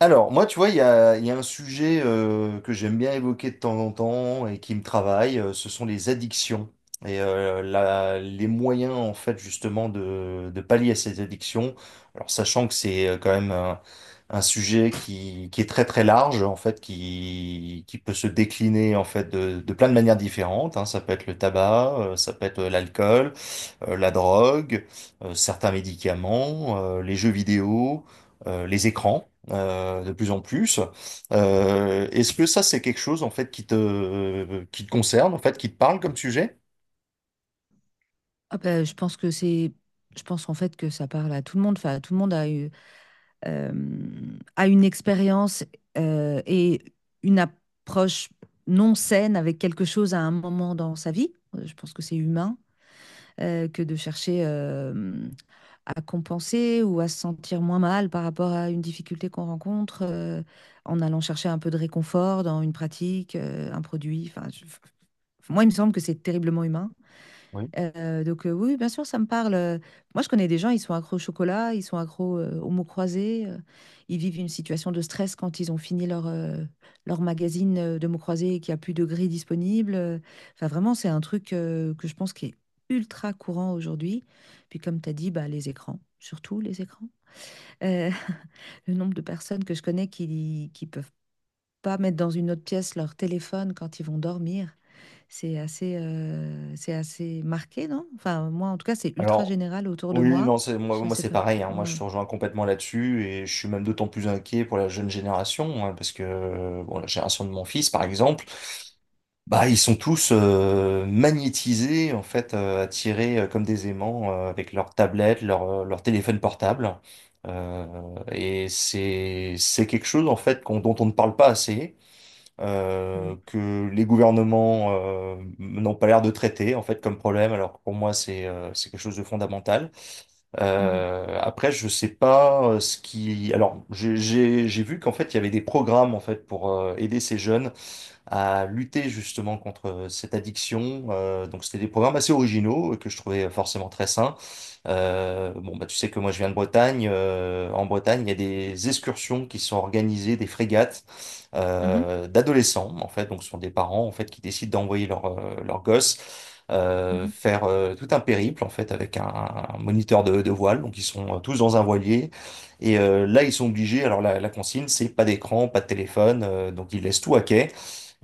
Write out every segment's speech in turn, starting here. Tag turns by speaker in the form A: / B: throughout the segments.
A: Alors, moi, tu vois, il y a un sujet que j'aime bien évoquer de temps en temps et qui me travaille, ce sont les addictions et les moyens, en fait, justement, de pallier à ces addictions. Alors, sachant que c'est quand même un sujet qui est très très large en fait qui peut se décliner en fait de plein de manières différentes hein. Ça peut être le tabac, ça peut être l'alcool, la drogue, certains médicaments, les jeux vidéo, les écrans de plus en plus. Est-ce que ça c'est quelque chose en fait qui te concerne en fait qui te parle comme sujet?
B: Ah bah, je pense en fait que ça parle à tout le monde. Enfin, tout le monde euh, a une expérience et une approche non saine avec quelque chose à un moment dans sa vie. Je pense que c'est humain que de chercher à compenser ou à se sentir moins mal par rapport à une difficulté qu'on rencontre en allant chercher un peu de réconfort dans une pratique, un produit. Enfin, moi, il me semble que c'est terriblement humain.
A: Oui.
B: Donc, oui, bien sûr, ça me parle. Moi, je connais des gens, ils sont accros au chocolat, ils sont accros aux mots croisés, ils vivent une situation de stress quand ils ont fini leur magazine de mots croisés et qu'il n'y a plus de grille disponible. Enfin, vraiment, c'est un truc que je pense qui est ultra courant aujourd'hui. Puis comme tu as dit, bah, les écrans, surtout les écrans. Euh, le nombre de personnes que je connais qui peuvent pas mettre dans une autre pièce leur téléphone quand ils vont dormir. C'est assez marqué, non? Enfin, moi, en tout cas, c'est ultra
A: Alors
B: général autour de
A: Oui,
B: moi.
A: non, c'est moi,
B: Je
A: moi
B: sais
A: c'est
B: pas.
A: pareil, hein. Moi,
B: Ouais.
A: je te rejoins complètement là-dessus et je suis même d'autant plus inquiet pour la jeune génération hein, parce que bon, la génération de mon fils, par exemple, bah ils sont tous magnétisés en fait, attirés comme des aimants avec leur tablette, leur téléphone portable. Euh, et c'est quelque chose en fait dont on ne parle pas assez
B: Mm.
A: que les gouvernements n'ont pas l'air de traiter en fait comme problème, alors que pour moi c'est quelque chose de fondamental.
B: Mhm.
A: Après, je sais pas ce qui. Alors, j'ai vu qu'en fait il y avait des programmes en fait pour aider ces jeunes à lutter justement contre cette addiction. Donc c'était des programmes assez originaux que je trouvais forcément très sains. Bon, bah, tu sais que moi je viens de Bretagne. En Bretagne, il y a des excursions qui sont organisées, des frégates
B: Mhm.
A: d'adolescents, en fait. Donc ce sont des parents en fait qui décident d'envoyer leur gosse,
B: Mhm.
A: faire tout un périple en fait avec un moniteur de voile, donc ils sont tous dans un voilier et là ils sont obligés, alors la consigne c'est pas d'écran, pas de téléphone, donc ils laissent tout à quai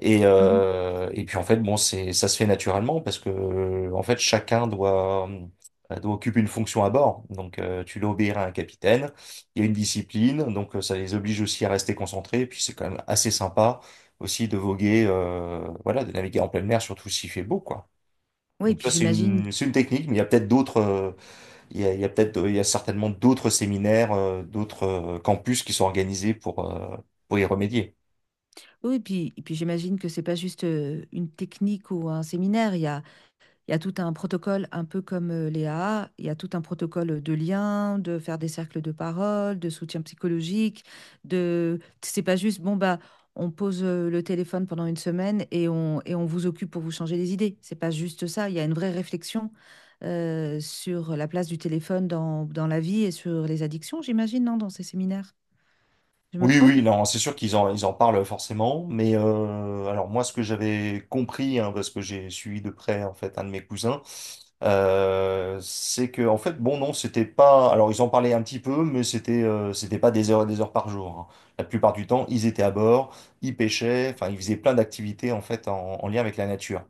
B: Mhm.
A: et puis en fait, bon, c'est, ça se fait naturellement parce que en fait, chacun doit occuper une fonction à bord. Donc, tu dois obéir à un capitaine. Il y a une discipline, donc ça les oblige aussi à rester concentrés. Et puis c'est quand même assez sympa aussi de voguer, voilà, de naviguer en pleine mer, surtout s'il fait beau, quoi.
B: Oui, et
A: Donc ça,
B: puis
A: c'est
B: j'imagine.
A: c'est une technique, mais il y a peut-être d'autres, il y a certainement d'autres séminaires, d'autres campus qui sont organisés pour y remédier.
B: Oui, et puis j'imagine que c'est pas juste une technique ou un séminaire. Il y a tout un protocole, un peu comme les il y a tout un protocole de lien, de faire des cercles de parole, de soutien psychologique, C'est pas juste, bon, bah, on pose le téléphone pendant une semaine et et on vous occupe pour vous changer les idées. C'est pas juste ça, il y a une vraie réflexion sur la place du téléphone dans la vie et sur les addictions, j'imagine, non, dans ces séminaires. Je me
A: Oui,
B: trompe?
A: oui, non, c'est sûr ils en parlent forcément, mais alors moi, ce que j'avais compris, hein, parce que j'ai suivi de près en fait un de mes cousins, c'est que en fait, bon, non, c'était pas. Alors, ils en parlaient un petit peu, mais c'était pas des heures et des heures par jour, hein. La plupart du temps, ils étaient à bord, ils pêchaient, enfin, ils faisaient plein d'activités en fait en lien avec la nature.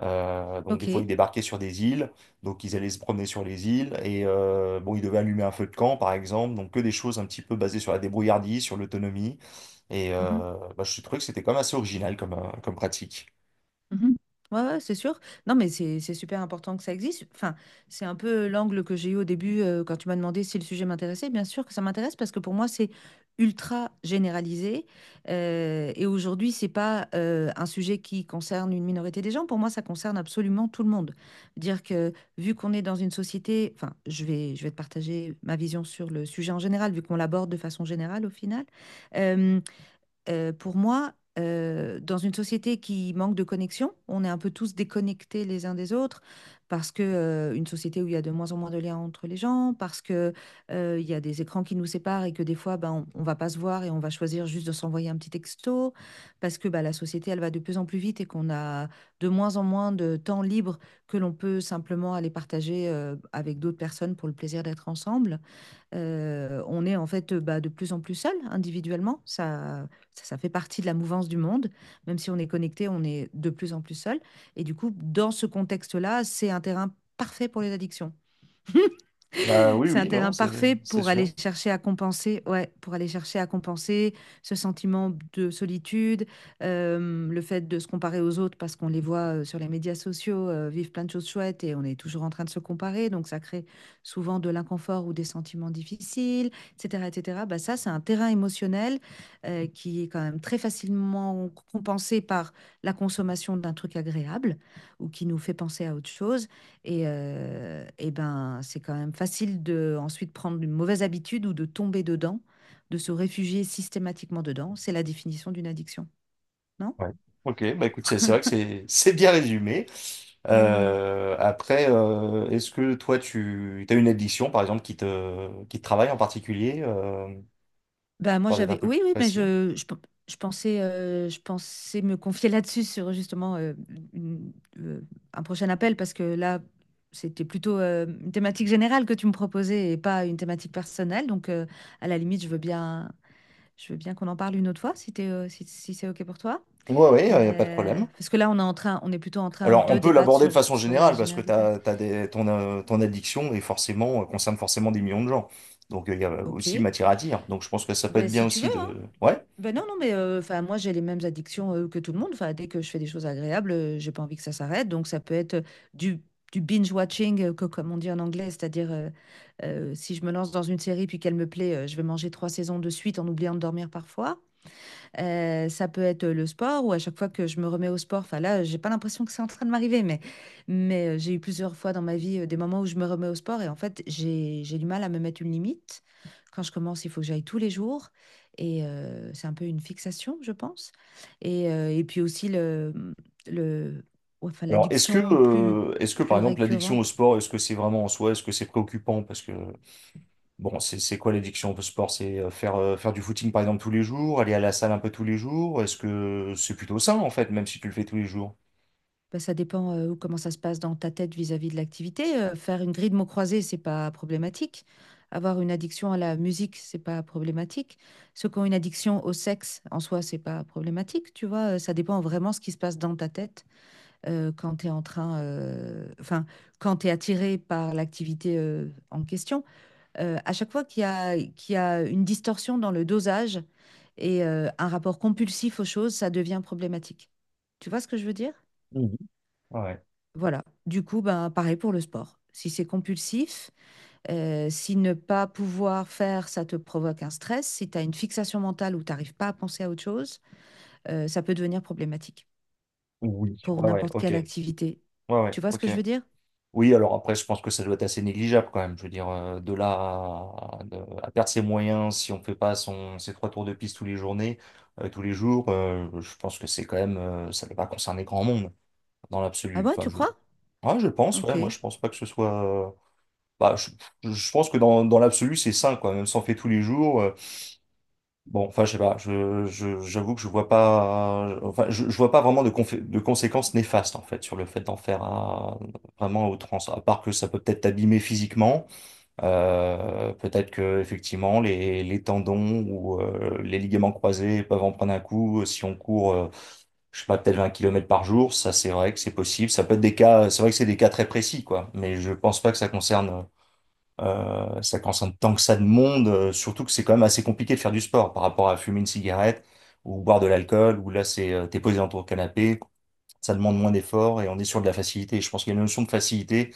A: Donc des
B: Ok.
A: fois ils débarquaient sur des îles, donc ils allaient se promener sur les îles et bon ils devaient allumer un feu de camp par exemple, donc que des choses un petit peu basées sur la débrouillardise, sur l'autonomie et
B: Mhm.
A: bah, je trouvais que c'était quand même assez original comme, comme pratique.
B: Mhm. Ouais, ouais, c'est sûr. Non, mais c'est super important que ça existe. Enfin, c'est un peu l'angle que j'ai eu au début quand tu m'as demandé si le sujet m'intéressait. Bien sûr que ça m'intéresse parce que pour moi, c'est ultra généralisé. Et aujourd'hui, c'est pas un sujet qui concerne une minorité des gens. Pour moi, ça concerne absolument tout le monde. Dire que vu qu'on est dans une société, enfin, je vais te partager ma vision sur le sujet en général, vu qu'on l'aborde de façon générale au final pour moi, dans une société qui manque de connexion, on est un peu tous déconnectés les uns des autres, parce que une société où il y a de moins en moins de liens entre les gens, parce que il y a des écrans qui nous séparent et que des fois, ben, on va pas se voir et on va choisir juste de s'envoyer un petit texto, parce que ben, la société, elle va de plus en plus vite et qu'on a de moins en moins de temps libre que l'on peut simplement aller partager avec d'autres personnes pour le plaisir d'être ensemble. On est en fait bah, de plus en plus seul individuellement. Ça fait partie de la mouvance du monde. Même si on est connecté, on est de plus en plus seul. Et du coup, dans ce contexte-là, c'est un terrain parfait pour les addictions.
A: Bah oui,
B: C'est un
A: oui, non,
B: terrain
A: c'est
B: parfait
A: c'est
B: pour aller
A: sûr.
B: chercher à compenser, ouais, pour aller chercher à compenser ce sentiment de solitude, le fait de se comparer aux autres parce qu'on les voit sur les médias sociaux vivre plein de choses chouettes et on est toujours en train de se comparer, donc ça crée souvent de l'inconfort ou des sentiments difficiles, etc., etc. Bah ça, c'est un terrain émotionnel qui est quand même très facilement compensé par la consommation d'un truc agréable ou qui nous fait penser à autre chose. Et ben, c'est quand même facile de ensuite prendre une mauvaise habitude ou de tomber dedans, de se réfugier systématiquement dedans. C'est la définition d'une addiction, non?
A: Ouais. Ok, bah écoute, c'est vrai que c'est bien résumé.
B: Hmm.
A: Après est-ce que toi tu as une addiction par exemple qui te travaille en particulier,
B: Ben, moi,
A: pour être un
B: j'avais.
A: peu plus
B: Oui, oui, mais
A: précis?
B: je pensais me confier là-dessus sur justement une- euh, un prochain appel parce que là, c'était plutôt une thématique générale que tu me proposais et pas une thématique personnelle. Donc, à la limite, je veux bien qu'on en parle une autre fois si t'es, si, si c'est OK pour toi.
A: Ouais, ouais, il n'y a pas de problème.
B: Parce que là, on est plutôt en train
A: Alors, on
B: de
A: peut
B: débattre
A: l'aborder de
B: sur,
A: façon
B: sur la
A: générale parce que
B: généralité.
A: t'as des, ton addiction est forcément, concerne forcément des millions de gens. Donc, il y a
B: Ok.
A: aussi matière à dire. Donc, je pense que ça peut
B: Ben,
A: être bien
B: si tu veux,
A: aussi
B: hein.
A: de. Ouais.
B: Ben non, non, mais enfin, moi, j'ai les mêmes addictions que tout le monde. Enfin, dès que je fais des choses agréables, j'ai pas envie que ça s'arrête. Donc, ça peut être du, du binge-watching, que, comme on dit en anglais, c'est-à-dire si je me lance dans une série puis qu'elle me plaît, je vais manger trois saisons de suite en oubliant de dormir parfois. Ça peut être le sport ou à chaque fois que je me remets au sport, enfin là, j'ai pas l'impression que c'est en train de m'arriver, mais j'ai eu plusieurs fois dans ma vie des moments où je me remets au sport et en fait, j'ai du mal à me mettre une limite. Quand je commence, il faut que j'aille tous les jours et c'est un peu une fixation, je pense. Et puis aussi le, enfin,
A: Alors,
B: l'addiction plus,
A: est-ce que, par
B: plus
A: exemple, l'addiction au
B: récurrente.
A: sport, est-ce que c'est vraiment en soi, est-ce que c'est préoccupant? Parce que, bon, c'est quoi l'addiction au sport? C'est faire du footing, par exemple, tous les jours, aller à la salle un peu tous les jours. Est-ce que c'est plutôt sain, en fait, même si tu le fais tous les jours?
B: Bah, ça dépend, comment ça se passe dans ta tête vis-à-vis de l'activité, faire une grille de mots croisés, c'est pas problématique. Avoir une addiction à la musique, c'est pas problématique. Ceux qui ont une addiction au sexe, en soi, c'est pas problématique, tu vois? Ça dépend vraiment ce qui se passe dans ta tête, quand tu es en train, enfin, quand tu es attiré par l'activité, en question. À chaque fois qu'il y a une distorsion dans le dosage et un rapport compulsif aux choses, ça devient problématique. Tu vois ce que je veux dire?
A: Mhm. Ouais.
B: Voilà. Du coup, ben, pareil pour le sport. Si c'est compulsif, si ne pas pouvoir faire, ça te provoque un stress, si tu as une fixation mentale où tu n'arrives pas à penser à autre chose, ça peut devenir problématique
A: Oui.
B: pour
A: Ouais, ouais,
B: n'importe
A: ok.
B: quelle
A: Ouais,
B: activité.
A: ouais,
B: Tu vois ce que
A: ok.
B: je veux dire?
A: Oui, alors après, je pense que ça doit être assez négligeable quand même. Je veux dire, de là à- de- à perdre ses moyens si on fait pas ses trois tours de piste tous les journées, tous les jours, je pense que c'est quand même, ça ne va pas concerner grand monde dans
B: Ah
A: l'absolu.
B: ouais, tu crois?
A: Ouais, je pense, ouais, moi
B: Ok.
A: je pense pas que ce soit. euh, bah, je, je pense que dans, dans l'absolu, c'est sain, quoi. Même si on fait tous les jours. Bon, enfin, je sais pas, j'avoue que je vois pas, enfin, je vois pas vraiment de, de conséquences néfastes, en fait, sur le fait d'en faire un, vraiment à outrance. À part que ça peut peut-être t'abîmer physiquement, peut-être que, effectivement, les tendons ou les ligaments croisés peuvent en prendre un coup. Si on court, je sais pas, peut-être 20 kilomètres par jour, ça, c'est vrai que c'est possible. Ça peut être des cas, c'est vrai que c'est des cas très précis, quoi, mais je pense pas que ça concerne ça consomme tant que ça de monde, surtout que c'est quand même assez compliqué de faire du sport par rapport à fumer une cigarette ou boire de l'alcool, où là c'est t'es posé dans ton canapé, ça demande moins d'efforts et on est sur de la facilité. Je pense qu'il y a une notion de facilité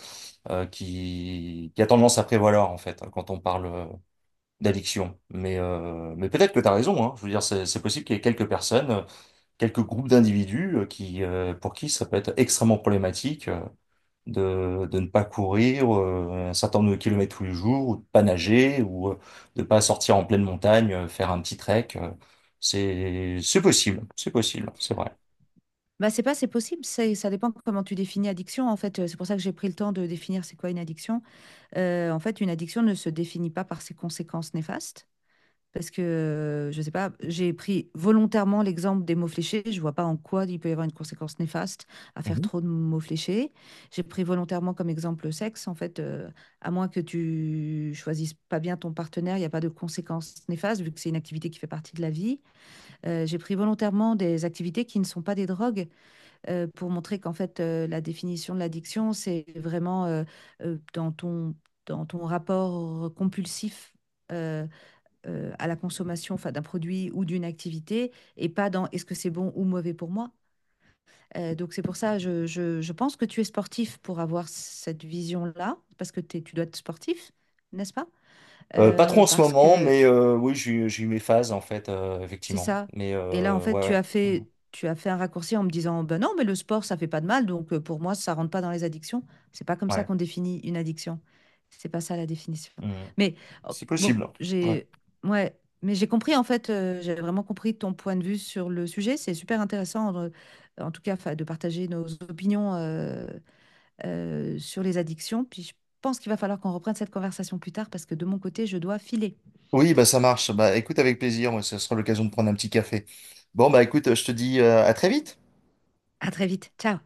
A: qui a tendance à prévaloir en fait hein, quand on parle d'addiction. Mais peut-être que t'as raison, hein. Je veux dire, c'est possible qu'il y ait quelques personnes, quelques groupes d'individus qui pour qui ça peut être extrêmement problématique, de ne pas courir un certain nombre de kilomètres tous les jours, ou de pas nager, ou de pas sortir en pleine montagne, faire un petit trek, c'est possible, c'est possible, c'est vrai.
B: Bah, c'est pas, c'est possible, c'est, ça dépend comment tu définis addiction. En fait, c'est pour ça que j'ai pris le temps de définir c'est quoi une addiction. En fait, une addiction ne se définit pas par ses conséquences néfastes. Parce que, je sais pas, j'ai pris volontairement l'exemple des mots fléchés. Je vois pas en quoi il peut y avoir une conséquence néfaste à faire
A: Mhm.
B: trop de mots fléchés. J'ai pris volontairement comme exemple le sexe. En fait, à moins que tu choisisses pas bien ton partenaire, il n'y a pas de conséquence néfaste vu que c'est une activité qui fait partie de la vie. J'ai pris volontairement des activités qui ne sont pas des drogues pour montrer qu'en fait, la définition de l'addiction, c'est vraiment dans ton, rapport compulsif. euh, à la consommation enfin, d'un produit ou d'une activité et pas dans est-ce que c'est bon ou mauvais pour moi. Donc c'est pour ça, je pense que tu es sportif pour avoir cette vision-là, parce que tu dois être sportif, n'est-ce pas?
A: Pas trop en ce
B: Parce
A: moment,
B: que
A: mais oui, j'ai eu mes phases en fait,
B: C'est
A: effectivement.
B: ça.
A: Mais
B: Et là, en fait,
A: ouais,
B: tu
A: ouais.
B: as
A: Mhm.
B: fait, tu as fait un raccourci en me disant, ben non, mais le sport, ça fait pas de mal, donc pour moi, ça rentre pas dans les addictions. C'est pas comme ça
A: Ouais.
B: qu'on définit une addiction. C'est pas ça la définition.
A: Mhm.
B: Mais oh,
A: C'est
B: bon,
A: possible. Ouais.
B: ouais, mais j'ai compris en fait, j'ai vraiment compris ton point de vue sur le sujet. C'est super intéressant, en tout cas, 'fin, de partager nos opinions sur les addictions. Puis je pense qu'il va falloir qu'on reprenne cette conversation plus tard parce que de mon côté, je dois filer.
A: Oui, bah ça marche. Bah écoute, avec plaisir. Moi, ça sera l'occasion de prendre un petit café. Bon, bah écoute, je te dis à très vite.
B: À très vite. Ciao.